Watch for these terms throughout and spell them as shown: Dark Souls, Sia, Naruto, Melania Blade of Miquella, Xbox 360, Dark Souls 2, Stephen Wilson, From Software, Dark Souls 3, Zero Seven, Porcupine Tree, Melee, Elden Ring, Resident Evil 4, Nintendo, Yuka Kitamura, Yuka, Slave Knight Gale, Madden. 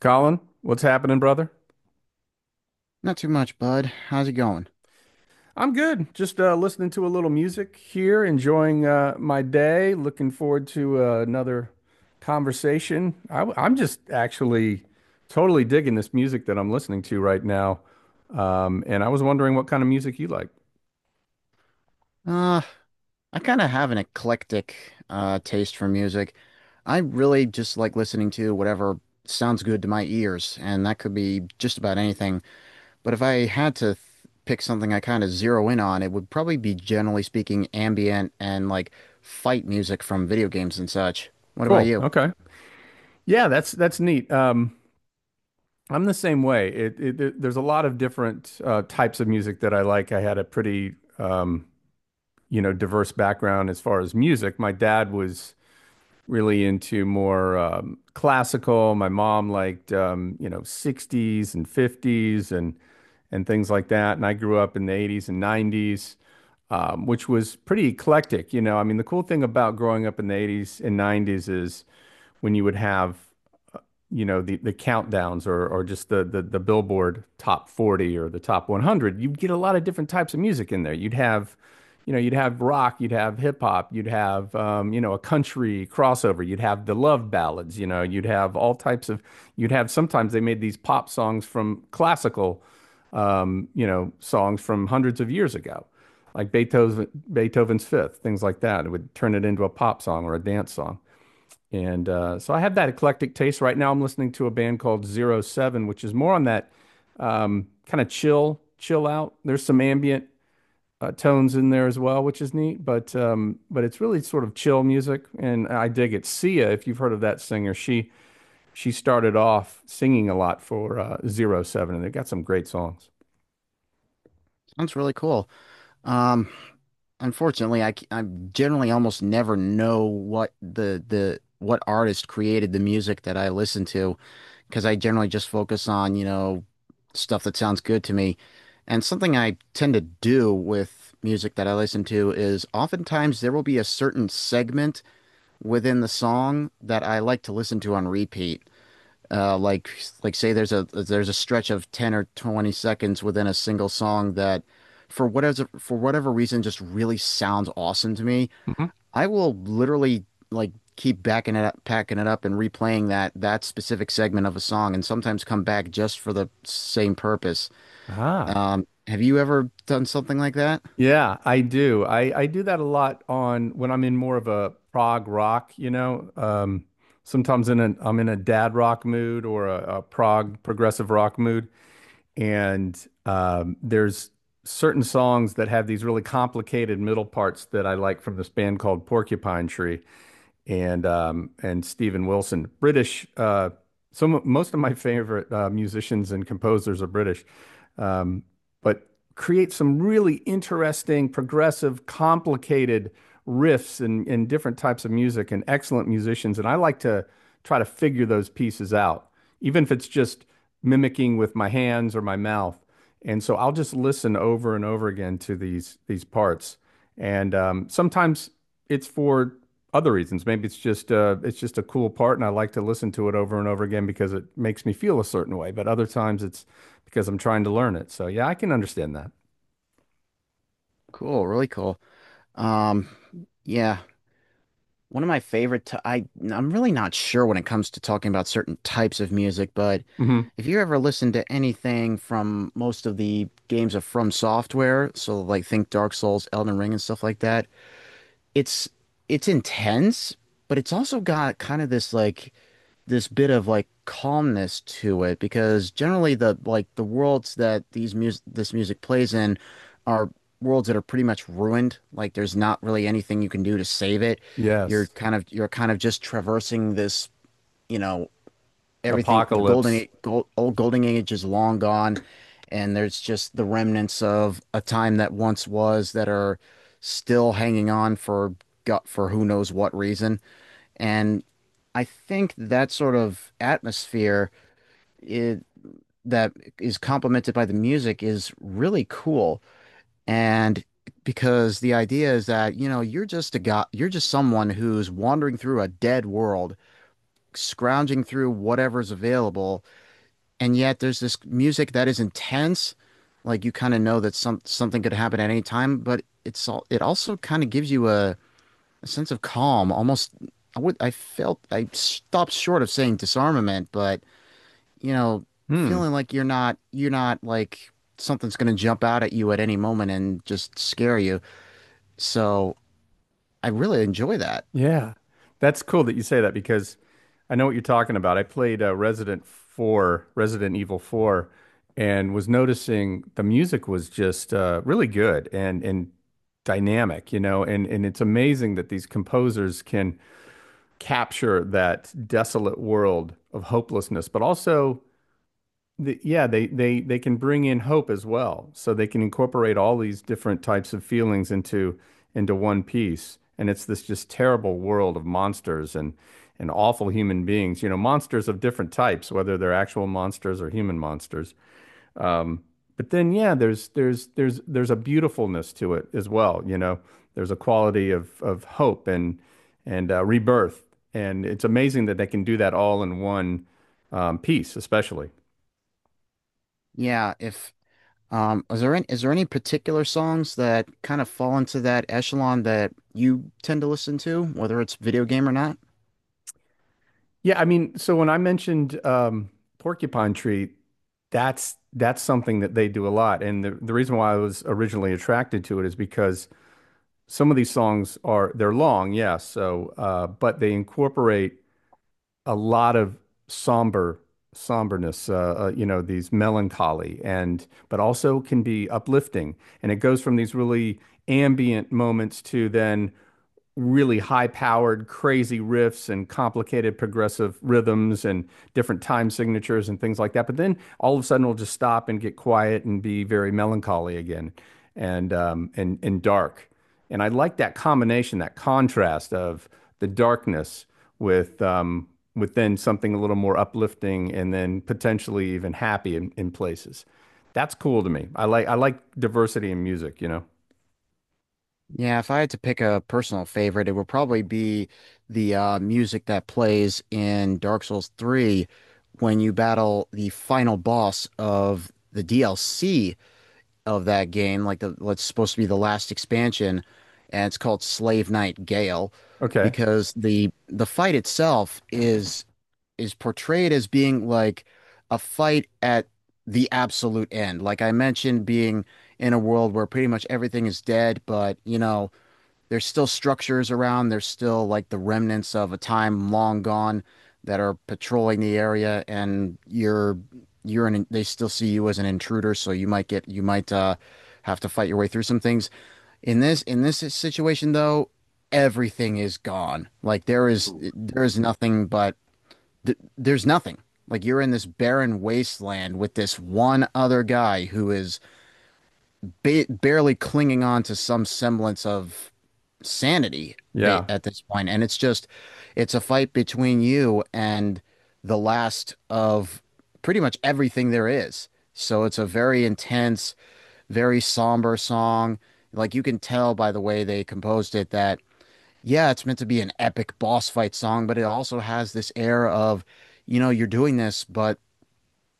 Colin, what's happening, brother? Not too much, bud. How's it going? I'm good. Just listening to a little music here, enjoying my day. Looking forward to another conversation. Am just actually totally digging this music that I'm listening to right now. And I was wondering what kind of music you like. Uh, I kind of have an eclectic taste for music. I really just like listening to whatever sounds good to my ears, and that could be just about anything. But if I had to th pick something I kind of zero in on, it would probably be, generally speaking, ambient and like fight music from video games and such. What about Cool. you? Okay. Yeah, that's neat. I'm the same way. There's a lot of different types of music that I like. I had a pretty um, diverse background as far as music. My dad was really into more classical. My mom liked 60s and 50s and things like that. And I grew up in the 80s and 90s, which was pretty eclectic. You know, I mean, the cool thing about growing up in the 80s and 90s is when you would have the countdowns, or just the Billboard top 40 or the top 100. You'd get a lot of different types of music in there. You'd have, you'd have rock, you'd have hip hop, you'd have, a country crossover, you'd have the love ballads, you know, you'd have all types of, you'd have, sometimes they made these pop songs from classical, songs from hundreds of years ago, like Beethoven, Beethoven's Fifth, things like that. It would turn it into a pop song or a dance song. And so I have that eclectic taste. Right now, I'm listening to a band called Zero Seven, which is more on that kind of chill, chill out. There's some ambient tones in there as well, which is neat. But it's really sort of chill music, and I dig it. Sia, if you've heard of that singer, she started off singing a lot for Zero Seven, and they've got some great songs. Sounds really cool. Um, Unfortunately, I generally almost never know what the what artist created the music that I listen to, because I generally just focus on, you know, stuff that sounds good to me. And something I tend to do with music that I listen to is oftentimes there will be a certain segment within the song that I like to listen to on repeat, like like say there's a stretch of 10 or 20 seconds within a single song that for whatever reason just really sounds awesome to me. Mhm. I will literally, like, keep backing it up, packing it up, and replaying that specific segment of a song, and sometimes come back just for the same purpose. Ah. Um, have you ever done something like that? Yeah, I do. I do that a lot on when I'm in more of a prog rock, you know. Sometimes in an I'm in a dad rock mood or a prog progressive rock mood, and there's certain songs that have these really complicated middle parts that I like, from this band called Porcupine Tree, and Stephen Wilson. British. Some Most of my favorite musicians and composers are British, um, but create some really interesting, progressive, complicated riffs and different types of music and excellent musicians. And I like to try to figure those pieces out, even if it's just mimicking with my hands or my mouth. And so I'll just listen over and over again to these parts. And sometimes it's for other reasons. Maybe it's just a cool part, and I like to listen to it over and over again because it makes me feel a certain way. But other times it's because I'm trying to learn it. So yeah, I can understand that. Cool. Really cool. Um, yeah. One of my favorite, t- I I'm really not sure when it comes to talking about certain types of music, but Hmm. if you ever listen to anything from most of the games of From Software, so like think Dark Souls, Elden Ring, and stuff like that, it's it's intense, but it's also got kind of this, like, this bit of like calmness to it, because generally the worlds that these music this music plays in are worlds that are pretty much ruined. Like, there's not really anything you can do to save it. Yes. You're kind of just traversing this, you know, everything the golden Apocalypse. age, gold, old golden age is long gone, and there's just the remnants of a time that once was that are still hanging on for gut for who knows what reason. And I think that sort of atmosphere, I that is complemented by the music, is really cool. And because the idea is that, you know, you're just a guy, you're just someone who's wandering through a dead world, scrounging through whatever's available, and yet there's this music that is intense. Like, you kind of know that something could happen at any time, but it's all, it also kind of gives you a sense of calm, almost. I would I felt I stopped short of saying disarmament, but, you know, Hmm. feeling like you're not like something's going to jump out at you at any moment and just scare you. So, I really enjoy that. Yeah, that's cool that you say that because I know what you're talking about. I played Resident Evil 4, and was noticing the music was just really good and dynamic, you know, and it's amazing that these composers can capture that desolate world of hopelessness, but also yeah, they can bring in hope as well. So they can incorporate all these different types of feelings into one piece. And it's this just terrible world of monsters and awful human beings. You know, monsters of different types, whether they're actual monsters or human monsters. Um, but then, yeah, there's a beautifulness to it as well. You know, there's a quality of hope and rebirth. And it's amazing that they can do that all in one piece, especially. Yeah, if is there any, is there any particular songs that kind of fall into that echelon that you tend to listen to, whether it's video game or not? Yeah, I mean, so when I mentioned porcupine tree, that's something that they do a lot, and the reason why I was originally attracted to it is because some of these songs are, they're long, yes, so but they incorporate a lot of somber somberness, you know, these melancholy, and but also can be uplifting, and it goes from these really ambient moments to then really high-powered, crazy riffs and complicated progressive rhythms and different time signatures and things like that. But then all of a sudden, we will just stop and get quiet and be very melancholy again and and dark. And I like that combination, that contrast of the darkness with um, with then something a little more uplifting and then potentially even happy in places. That's cool to me. I like diversity in music, you know. Yeah, if I had to pick a personal favorite, it would probably be the music that plays in Dark Souls 3 when you battle the final boss of the DLC of that game, like the what's supposed to be the last expansion, and it's called Slave Knight Gale, Okay. because the fight itself is portrayed as being like a fight at the absolute end. Like I mentioned, being in a world where pretty much everything is dead, but, you know, there's still structures around. There's still like the remnants of a time long gone that are patrolling the area, and you're an they still see you as an intruder, so you might have to fight your way through some things. In this situation though, everything is gone. Like, there is nothing but th there's nothing. Like, you're in this barren wasteland with this one other guy who is ba barely clinging on to some semblance of sanity Yeah. at this point. And it's just, it's a fight between you and the last of pretty much everything there is. So it's a very intense, very somber song. Like, you can tell by the way they composed it that, yeah, it's meant to be an epic boss fight song, but it also has this air of, you know, you're doing this, but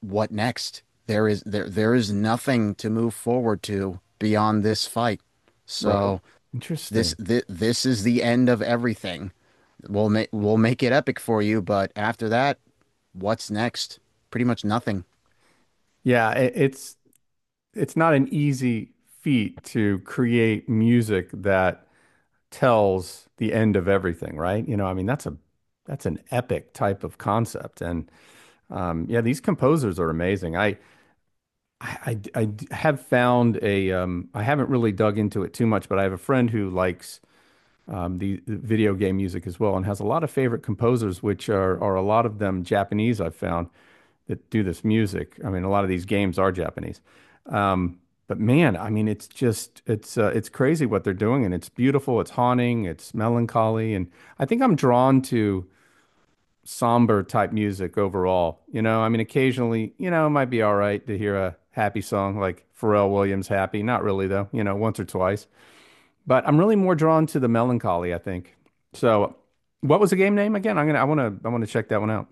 what next? There is nothing to move forward to beyond this fight. Right. So Interesting. This is the end of everything. We'll make it epic for you, but after that, what's next? Pretty much nothing. Yeah, it's not an easy feat to create music that tells the end of everything, right? You know, I mean, that's an epic type of concept, and yeah, these composers are amazing. Have found a I haven't really dug into it too much, but I have a friend who likes the video game music as well, and has a lot of favorite composers, which are a lot of them Japanese, I've found, that do this music. I mean, a lot of these games are Japanese. Um, but man, I mean, it's just it's crazy what they're doing, and it's beautiful, it's haunting, it's melancholy, and I think I'm drawn to somber type music overall. You know, I mean, occasionally, you know, it might be all right to hear a happy song like Pharrell Williams' "Happy." Not really though, you know, once or twice. But I'm really more drawn to the melancholy, I think. So, what was the game name again? I wanna check that one out.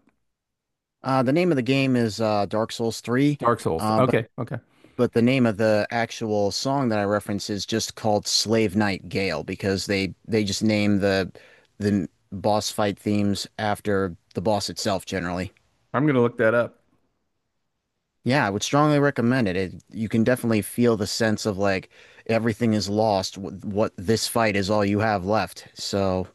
The name of the game is Dark Souls Three, Dark Souls. But Okay, okay. The name of the actual song that I reference is just called Slave Night Gale, because they just name the boss fight themes after the boss itself generally. I'm gonna look that up. Yeah, I would strongly recommend it. You can definitely feel the sense of like everything is lost. What this fight is all you have left. So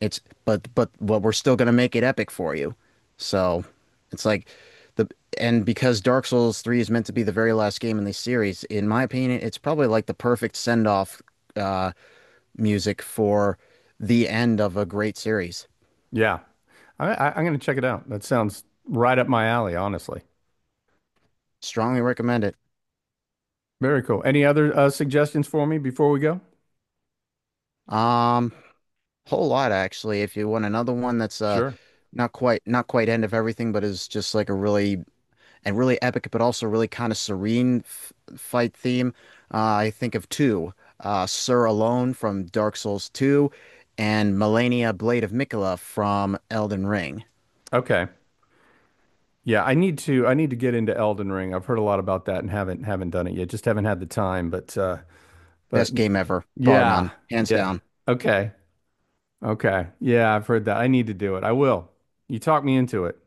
it's, but we're still gonna make it epic for you. So it's like the, and because Dark Souls 3 is meant to be the very last game in the series, in my opinion, it's probably like the perfect send-off uh music for the end of a great series. Yeah. I'm going to check it out. That sounds right up my alley, honestly. Strongly recommend it. Very cool. Any other suggestions for me before we go? Um, whole lot actually. If you want another one that's Sure. Not quite end of everything, but is just like a really, and really epic, but also really kind of serene f fight theme. I think of two: Sur Alone from Dark Souls 2, and Melania Blade of Mikula from Elden Ring. Okay. Yeah, I need to get into Elden Ring. I've heard a lot about that and haven't done it yet. Just haven't had the time, but Best game ever, bar yeah. none, hands Yeah. down. Okay. Okay. Yeah, I've heard that. I need to do it. I will. You talk me into it.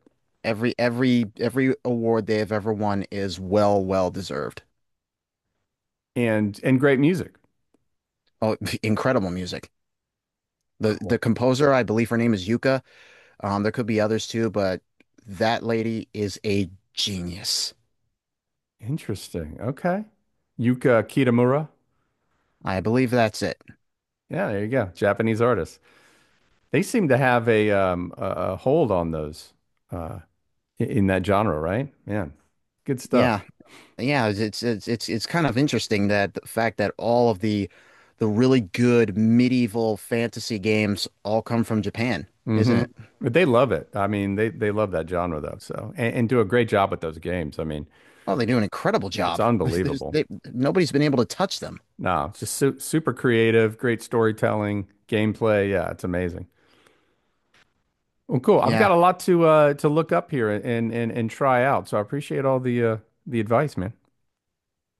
Every award they have ever won is well deserved. And great music. Oh, incredible music. The Cool. the composer, I believe her name is Yuka. There could be others too, but that lady is a genius. Interesting. Okay. Yuka Kitamura. I believe that's it. Yeah, there you go. Japanese artist. They seem to have a hold on those uh in that genre, right? Man, good Yeah, stuff. yeah. It's, kind of interesting that the fact that all of the really good medieval fantasy games all come from Japan, isn't Hmm. it? But they love it. I mean, they love that genre though. So and do a great job with those games. I mean, Oh, they do an incredible it's job. There's, unbelievable. they, nobody's been able to touch them. No, it's just su super creative, great storytelling, gameplay. Yeah, it's amazing. Well, cool. I've got Yeah, a lot to look up here and and try out. So I appreciate all the advice, man.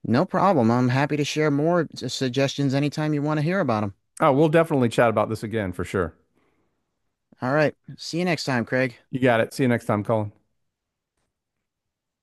no problem. I'm happy to share more suggestions anytime you want to hear about them. Oh, we'll definitely chat about this again for sure. All right. See you next time, Craig. You got it. See you next time, Colin.